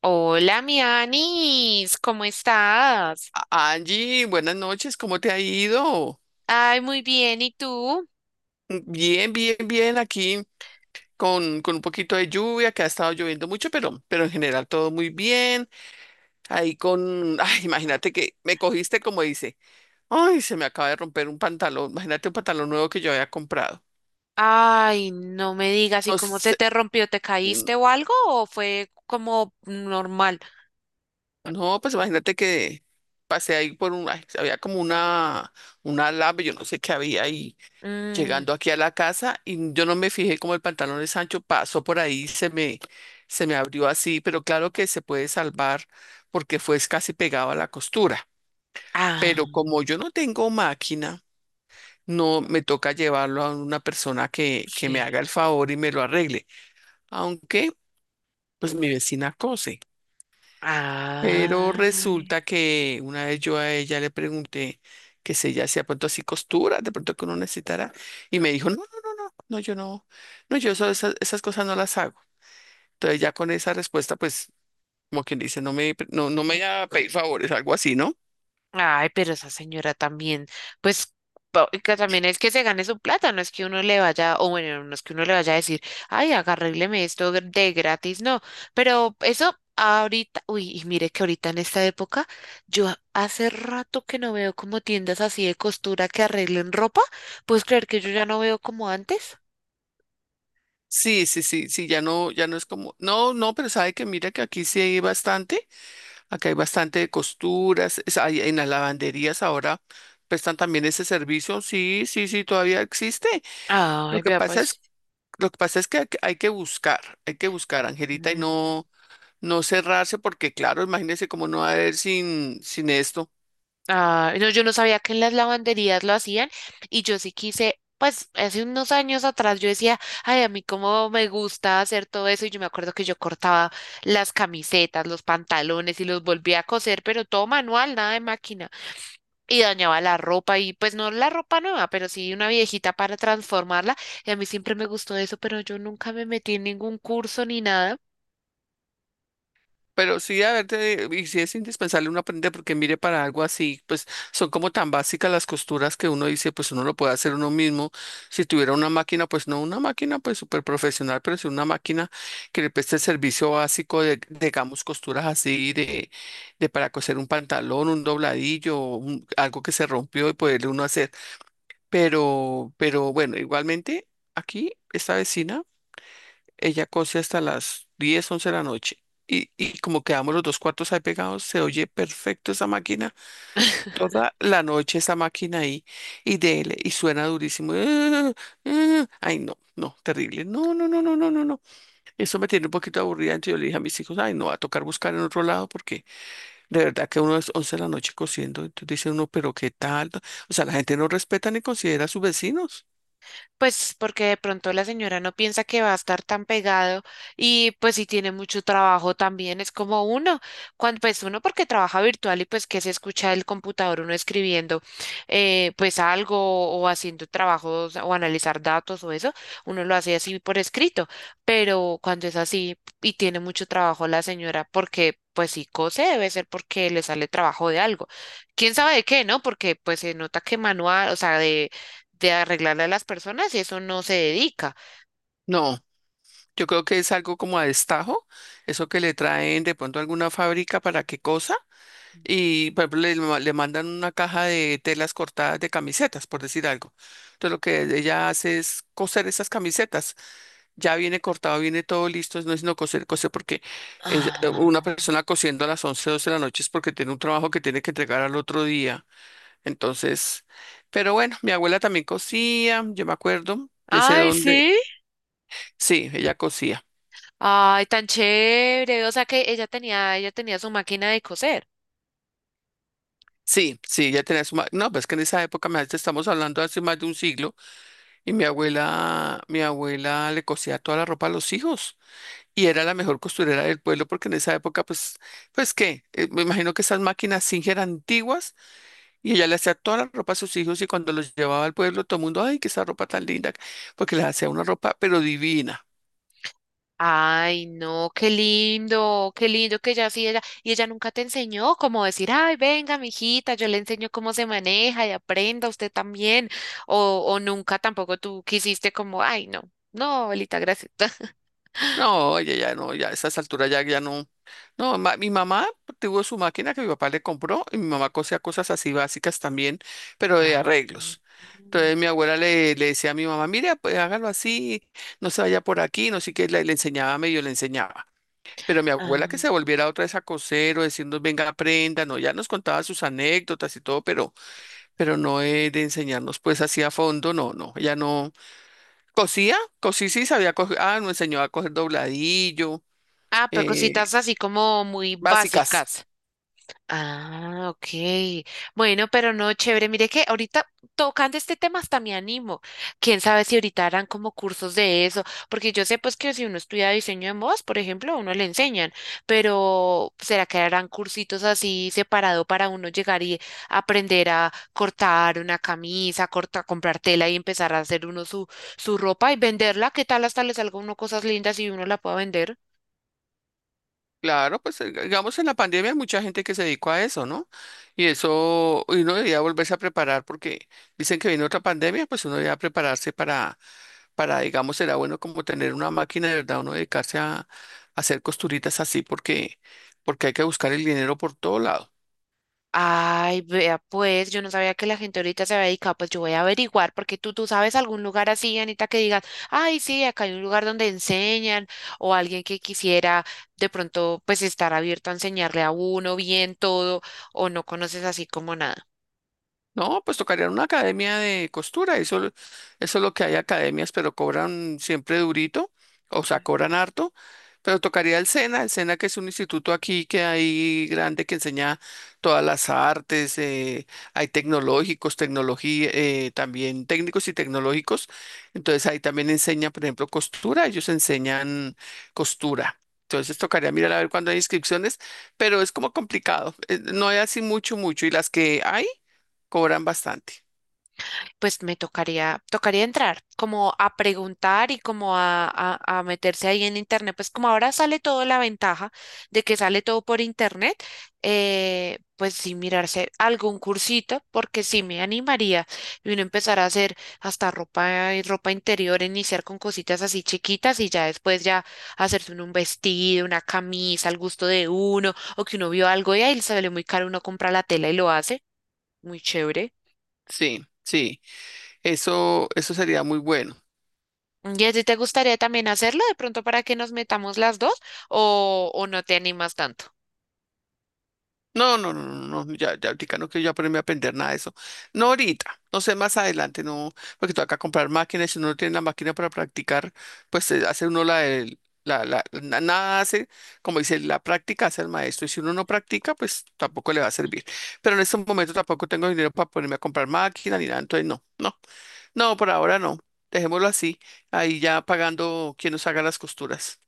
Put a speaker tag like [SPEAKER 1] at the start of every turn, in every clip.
[SPEAKER 1] Hola, mi Anis, ¿cómo estás?
[SPEAKER 2] Angie, buenas noches, ¿cómo te ha ido?
[SPEAKER 1] Ay, muy bien, ¿y tú?
[SPEAKER 2] Bien, bien, bien, aquí con un poquito de lluvia, que ha estado lloviendo mucho, pero en general todo muy bien. Ahí con, ay, imagínate que me cogiste como dice, ay, se me acaba de romper un pantalón, imagínate un pantalón nuevo que yo había comprado.
[SPEAKER 1] Ay, no me digas, ¿y
[SPEAKER 2] No,
[SPEAKER 1] cómo se
[SPEAKER 2] sé,
[SPEAKER 1] te rompió? ¿Te
[SPEAKER 2] mm,
[SPEAKER 1] caíste o algo? ¿O fue como normal?
[SPEAKER 2] no, pues imagínate que pasé ahí por un, ay, había como una lab, yo no sé qué había ahí
[SPEAKER 1] Mm,
[SPEAKER 2] llegando aquí a la casa y yo no me fijé como el pantalón de Sancho pasó por ahí, se me abrió así, pero claro que se puede salvar porque fue casi pegado a la costura. Pero
[SPEAKER 1] ah,
[SPEAKER 2] como yo no tengo máquina, no me toca llevarlo a una persona que me
[SPEAKER 1] sí.
[SPEAKER 2] haga el favor y me lo arregle, aunque pues mi vecina cose. Pero
[SPEAKER 1] Ah.
[SPEAKER 2] resulta que una vez yo a ella le pregunté que si ella hacía pronto así costuras, de pronto que uno necesitara, y me dijo, no, no, yo no, no, yo esas, esas cosas no las hago. Entonces ya con esa respuesta, pues, como quien dice, no, no me vaya a pedir favores, algo así, ¿no?
[SPEAKER 1] Ay, pero esa señora también, pues que también es que se gane su plata, no es que uno le vaya, o bueno, no es que uno le vaya a decir, ay, de gratis, no, pero eso ahorita, uy, y mire que ahorita en esta época, hace rato que no veo como tiendas así de costura que arreglen ropa. ¿Puedes creer que yo ya no veo como antes?
[SPEAKER 2] Sí, sí, sí, sí, ya no, ya no es como, no, no, pero sabe que mira que aquí sí hay bastante, acá hay bastante de costuras, hay, en las lavanderías ahora prestan también ese servicio, sí, sí, sí, todavía existe. Lo
[SPEAKER 1] Ay,
[SPEAKER 2] que
[SPEAKER 1] vea
[SPEAKER 2] pasa es,
[SPEAKER 1] pues.
[SPEAKER 2] lo que pasa es que hay que buscar, Angelita, y no, no cerrarse, porque claro, imagínese cómo no va a haber sin esto.
[SPEAKER 1] Ah, no, yo no sabía que en las lavanderías lo hacían, y yo sí quise. Pues hace unos años atrás yo decía, ay, a mí cómo me gusta hacer todo eso, y yo me acuerdo que yo cortaba las camisetas, los pantalones y los volvía a coser, pero todo manual, nada de máquina, y dañaba la ropa, y pues no la ropa nueva, pero sí una viejita para transformarla. Y a mí siempre me gustó eso, pero yo nunca me metí en ningún curso ni nada.
[SPEAKER 2] Pero sí, a ver, y sí es indispensable uno aprender, porque mire, para algo así, pues son como tan básicas las costuras que uno dice, pues uno lo puede hacer uno mismo. Si tuviera una máquina, pues no una máquina, pues súper profesional, pero si una máquina que le preste el servicio básico de, digamos, costuras así, de para coser un pantalón, un dobladillo, algo que se rompió y poderle uno hacer. Pero bueno, igualmente, aquí, esta vecina. Ella cose hasta las 10 11 de la noche. Y como quedamos los dos cuartos ahí pegados, se oye perfecto esa máquina. Toda la noche esa máquina ahí y dele, y suena durísimo. ¡Ah! ¡Ah! Ah. Ay, no, no, terrible. No, no, no, no, no, no, no. Eso me tiene un poquito aburrida. Entonces yo le dije a mis hijos, ay, no, va a tocar buscar en otro lado porque de verdad que uno es 11 de la noche cosiendo. Entonces dice uno, pero qué tal. O sea, la gente no respeta ni considera a sus vecinos.
[SPEAKER 1] Pues porque de pronto la señora no piensa que va a estar tan pegado, y pues si tiene mucho trabajo también es como uno, cuando pues uno porque trabaja virtual y pues que se escucha el computador uno escribiendo, pues algo, o haciendo trabajos o analizar datos o eso, uno lo hace así por escrito, pero cuando es así y tiene mucho trabajo la señora, porque pues si cose debe ser porque le sale trabajo de algo. ¿Quién sabe de qué, no? Porque pues se nota que manual, o sea, de arreglarle a las personas y eso, no se dedica.
[SPEAKER 2] No. Yo creo que es algo como a destajo, eso que le traen de pronto a alguna fábrica para qué cosa, y por ejemplo le mandan una caja de telas cortadas de camisetas, por decir algo. Entonces lo que ella hace es coser esas camisetas. Ya viene cortado, viene todo listo, no es sino coser, coser, porque una
[SPEAKER 1] Ah.
[SPEAKER 2] persona cosiendo a las 11 12 de la noche es porque tiene un trabajo que tiene que entregar al otro día. Entonces, pero bueno, mi abuela también cosía, yo me acuerdo, de ese
[SPEAKER 1] Ay,
[SPEAKER 2] donde,
[SPEAKER 1] sí.
[SPEAKER 2] sí, ella cosía.
[SPEAKER 1] Ay, tan chévere. O sea que ella tenía su máquina de coser.
[SPEAKER 2] Sí, sí, ya tenía su. No, pues que en esa época, me estamos hablando hace más de un siglo, y mi abuela le cosía toda la ropa a los hijos, y era la mejor costurera del pueblo, porque en esa época, pues, pues qué, me imagino que esas máquinas Singer eran antiguas, y ella le hacía toda la ropa a sus hijos, y cuando los llevaba al pueblo, todo el mundo, ay, que esa ropa tan linda, porque les hacía una ropa, pero divina.
[SPEAKER 1] Ay, no, qué lindo que ella sí, ella, y ella nunca te enseñó cómo decir, ay, venga, mijita, yo le enseño cómo se maneja y aprenda usted también. O nunca tampoco tú quisiste como, ay, no, no, abuelita, gracias.
[SPEAKER 2] No, oye, ya no, ya a esas alturas ya, ya no. No, mi mamá tuvo su máquina que mi papá le compró y mi mamá cosía cosas así básicas también, pero de
[SPEAKER 1] Ah.
[SPEAKER 2] arreglos.
[SPEAKER 1] Mm.
[SPEAKER 2] Entonces mi abuela le decía a mi mamá, mira, pues hágalo así, no se vaya por aquí, no sé qué, le enseñaba, medio le enseñaba. Pero mi abuela que
[SPEAKER 1] Ah.
[SPEAKER 2] se volviera otra vez a coser o decirnos, venga, aprenda, no, ya nos contaba sus anécdotas y todo, pero no de enseñarnos pues así a fondo, no, no, ella no. Cosía, cosí sí sabía coser, ah, nos enseñó a coger dobladillo,
[SPEAKER 1] Ah, pero
[SPEAKER 2] eh,
[SPEAKER 1] cositas así como muy
[SPEAKER 2] básicas.
[SPEAKER 1] básicas. Ah, ok. Bueno, pero no, chévere. Mire que ahorita tocando este tema hasta me animo. Quién sabe si ahorita harán como cursos de eso, porque yo sé pues que si uno estudia diseño de modas, por ejemplo, a uno le enseñan. Pero ¿será que harán cursitos así separado para uno llegar y aprender a cortar una camisa, corta, comprar tela y empezar a hacer uno su, su ropa y venderla? ¿Qué tal hasta le salga a uno cosas lindas y uno la pueda vender?
[SPEAKER 2] Claro, pues digamos en la pandemia hay mucha gente que se dedicó a eso, ¿no? Y eso, y uno debía volverse a preparar porque dicen que viene otra pandemia, pues uno debía prepararse para, digamos, será bueno como tener una máquina de verdad, uno dedicarse a hacer costuritas así porque, porque hay que buscar el dinero por todo lado.
[SPEAKER 1] Ay, vea, pues yo no sabía que la gente ahorita se había dedicado. Pues yo voy a averiguar, porque tú sabes algún lugar así, Anita, que digas, ay, sí, acá hay un lugar donde enseñan, o alguien que quisiera de pronto, pues estar abierto a enseñarle a uno bien todo, o no conoces así como nada.
[SPEAKER 2] No, pues tocaría una academia de costura, eso, eso es lo que hay academias, pero cobran siempre durito, o sea, cobran harto, pero tocaría el SENA que es un instituto aquí que hay grande que enseña todas las artes, hay tecnológicos, tecnología, también técnicos y tecnológicos, entonces ahí también enseña, por ejemplo, costura, ellos enseñan costura. Entonces tocaría mirar a ver cuándo hay inscripciones, pero es como complicado, no hay así mucho, mucho, y las que hay cobran bastante.
[SPEAKER 1] Pues me tocaría, tocaría entrar, como a preguntar y como a meterse ahí en internet. Pues como ahora sale todo la ventaja de que sale todo por internet, pues sí mirarse algún cursito, porque sí me animaría, y uno empezar a hacer hasta ropa y ropa interior, iniciar con cositas así chiquitas y ya después ya hacerse uno un vestido, una camisa al gusto de uno, o que uno vio algo y ahí le sale muy caro, uno compra la tela y lo hace. Muy chévere.
[SPEAKER 2] Sí, sí. Eso sería muy bueno.
[SPEAKER 1] ¿Y a ti te gustaría también hacerlo de pronto para que nos metamos las dos, o no te animas tanto?
[SPEAKER 2] No, no, no, no, no, ya, ya ahorita no quiero yo ponerme a aprender nada de eso. No ahorita, no sé, más adelante, no, porque toca comprar máquinas, si uno no tiene la máquina para practicar, pues hace uno nada hace, como dice, la práctica hace el maestro, y si uno no practica, pues tampoco le va a servir. Pero en este momento tampoco tengo dinero para ponerme a comprar máquina ni nada, entonces no, no, no, por ahora no, dejémoslo así, ahí ya pagando quien nos haga las costuras.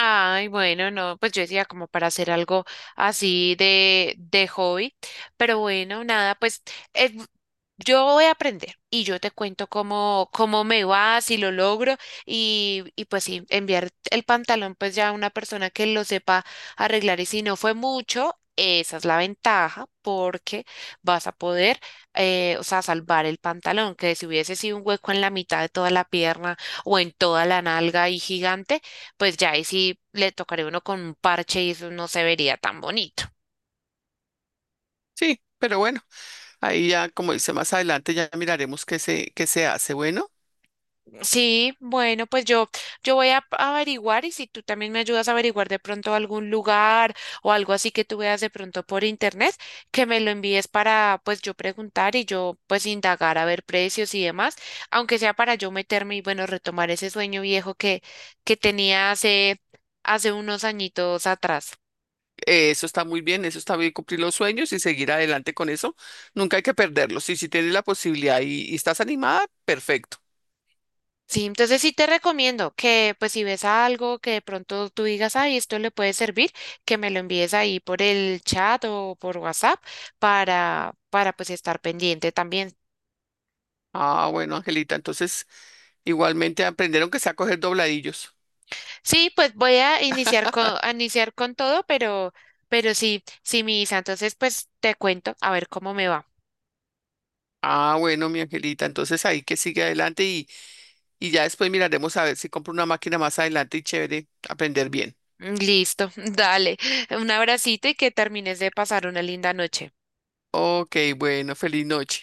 [SPEAKER 1] Ay, bueno, no, pues yo decía como para hacer algo así de hobby, pero bueno, nada, pues, eh, yo voy a aprender y yo te cuento cómo, cómo me va, si lo logro. Y, y pues sí, enviar el pantalón pues ya a una persona que lo sepa arreglar, y si no fue mucho, esa es la ventaja, porque vas a poder, o sea, salvar el pantalón, que si hubiese sido un hueco en la mitad de toda la pierna o en toda la nalga y gigante, pues ya ahí sí le tocaré uno con un parche y eso no se vería tan bonito.
[SPEAKER 2] Sí, pero bueno, ahí ya, como dice más adelante, ya miraremos qué se hace. Bueno,
[SPEAKER 1] Sí, bueno, pues yo voy a averiguar, y si tú también me ayudas a averiguar de pronto algún lugar o algo así que tú veas de pronto por internet, que me lo envíes para pues yo preguntar y yo pues indagar a ver precios y demás, aunque sea para yo meterme y bueno, retomar ese sueño viejo que tenía hace, hace unos añitos atrás.
[SPEAKER 2] eso está muy bien, eso está bien, cumplir los sueños y seguir adelante con eso. Nunca hay que perderlos. Y si tienes la posibilidad y estás animada, perfecto.
[SPEAKER 1] Sí, entonces sí te recomiendo que pues si ves algo que de pronto tú digas, ay, esto le puede servir, que me lo envíes ahí por el chat o por WhatsApp para pues estar pendiente también.
[SPEAKER 2] Ah, bueno, Angelita, entonces igualmente aprendieron que sea a coger dobladillos.
[SPEAKER 1] Sí, pues voy a iniciar con todo, pero sí, sí, misa entonces pues te cuento a ver cómo me va.
[SPEAKER 2] Ah, bueno, mi Angelita, entonces ahí que sigue adelante y ya después miraremos a ver si compro una máquina más adelante y chévere, aprender bien.
[SPEAKER 1] Listo, dale, un abracito y que termines de pasar una linda noche.
[SPEAKER 2] Ok, bueno, feliz noche.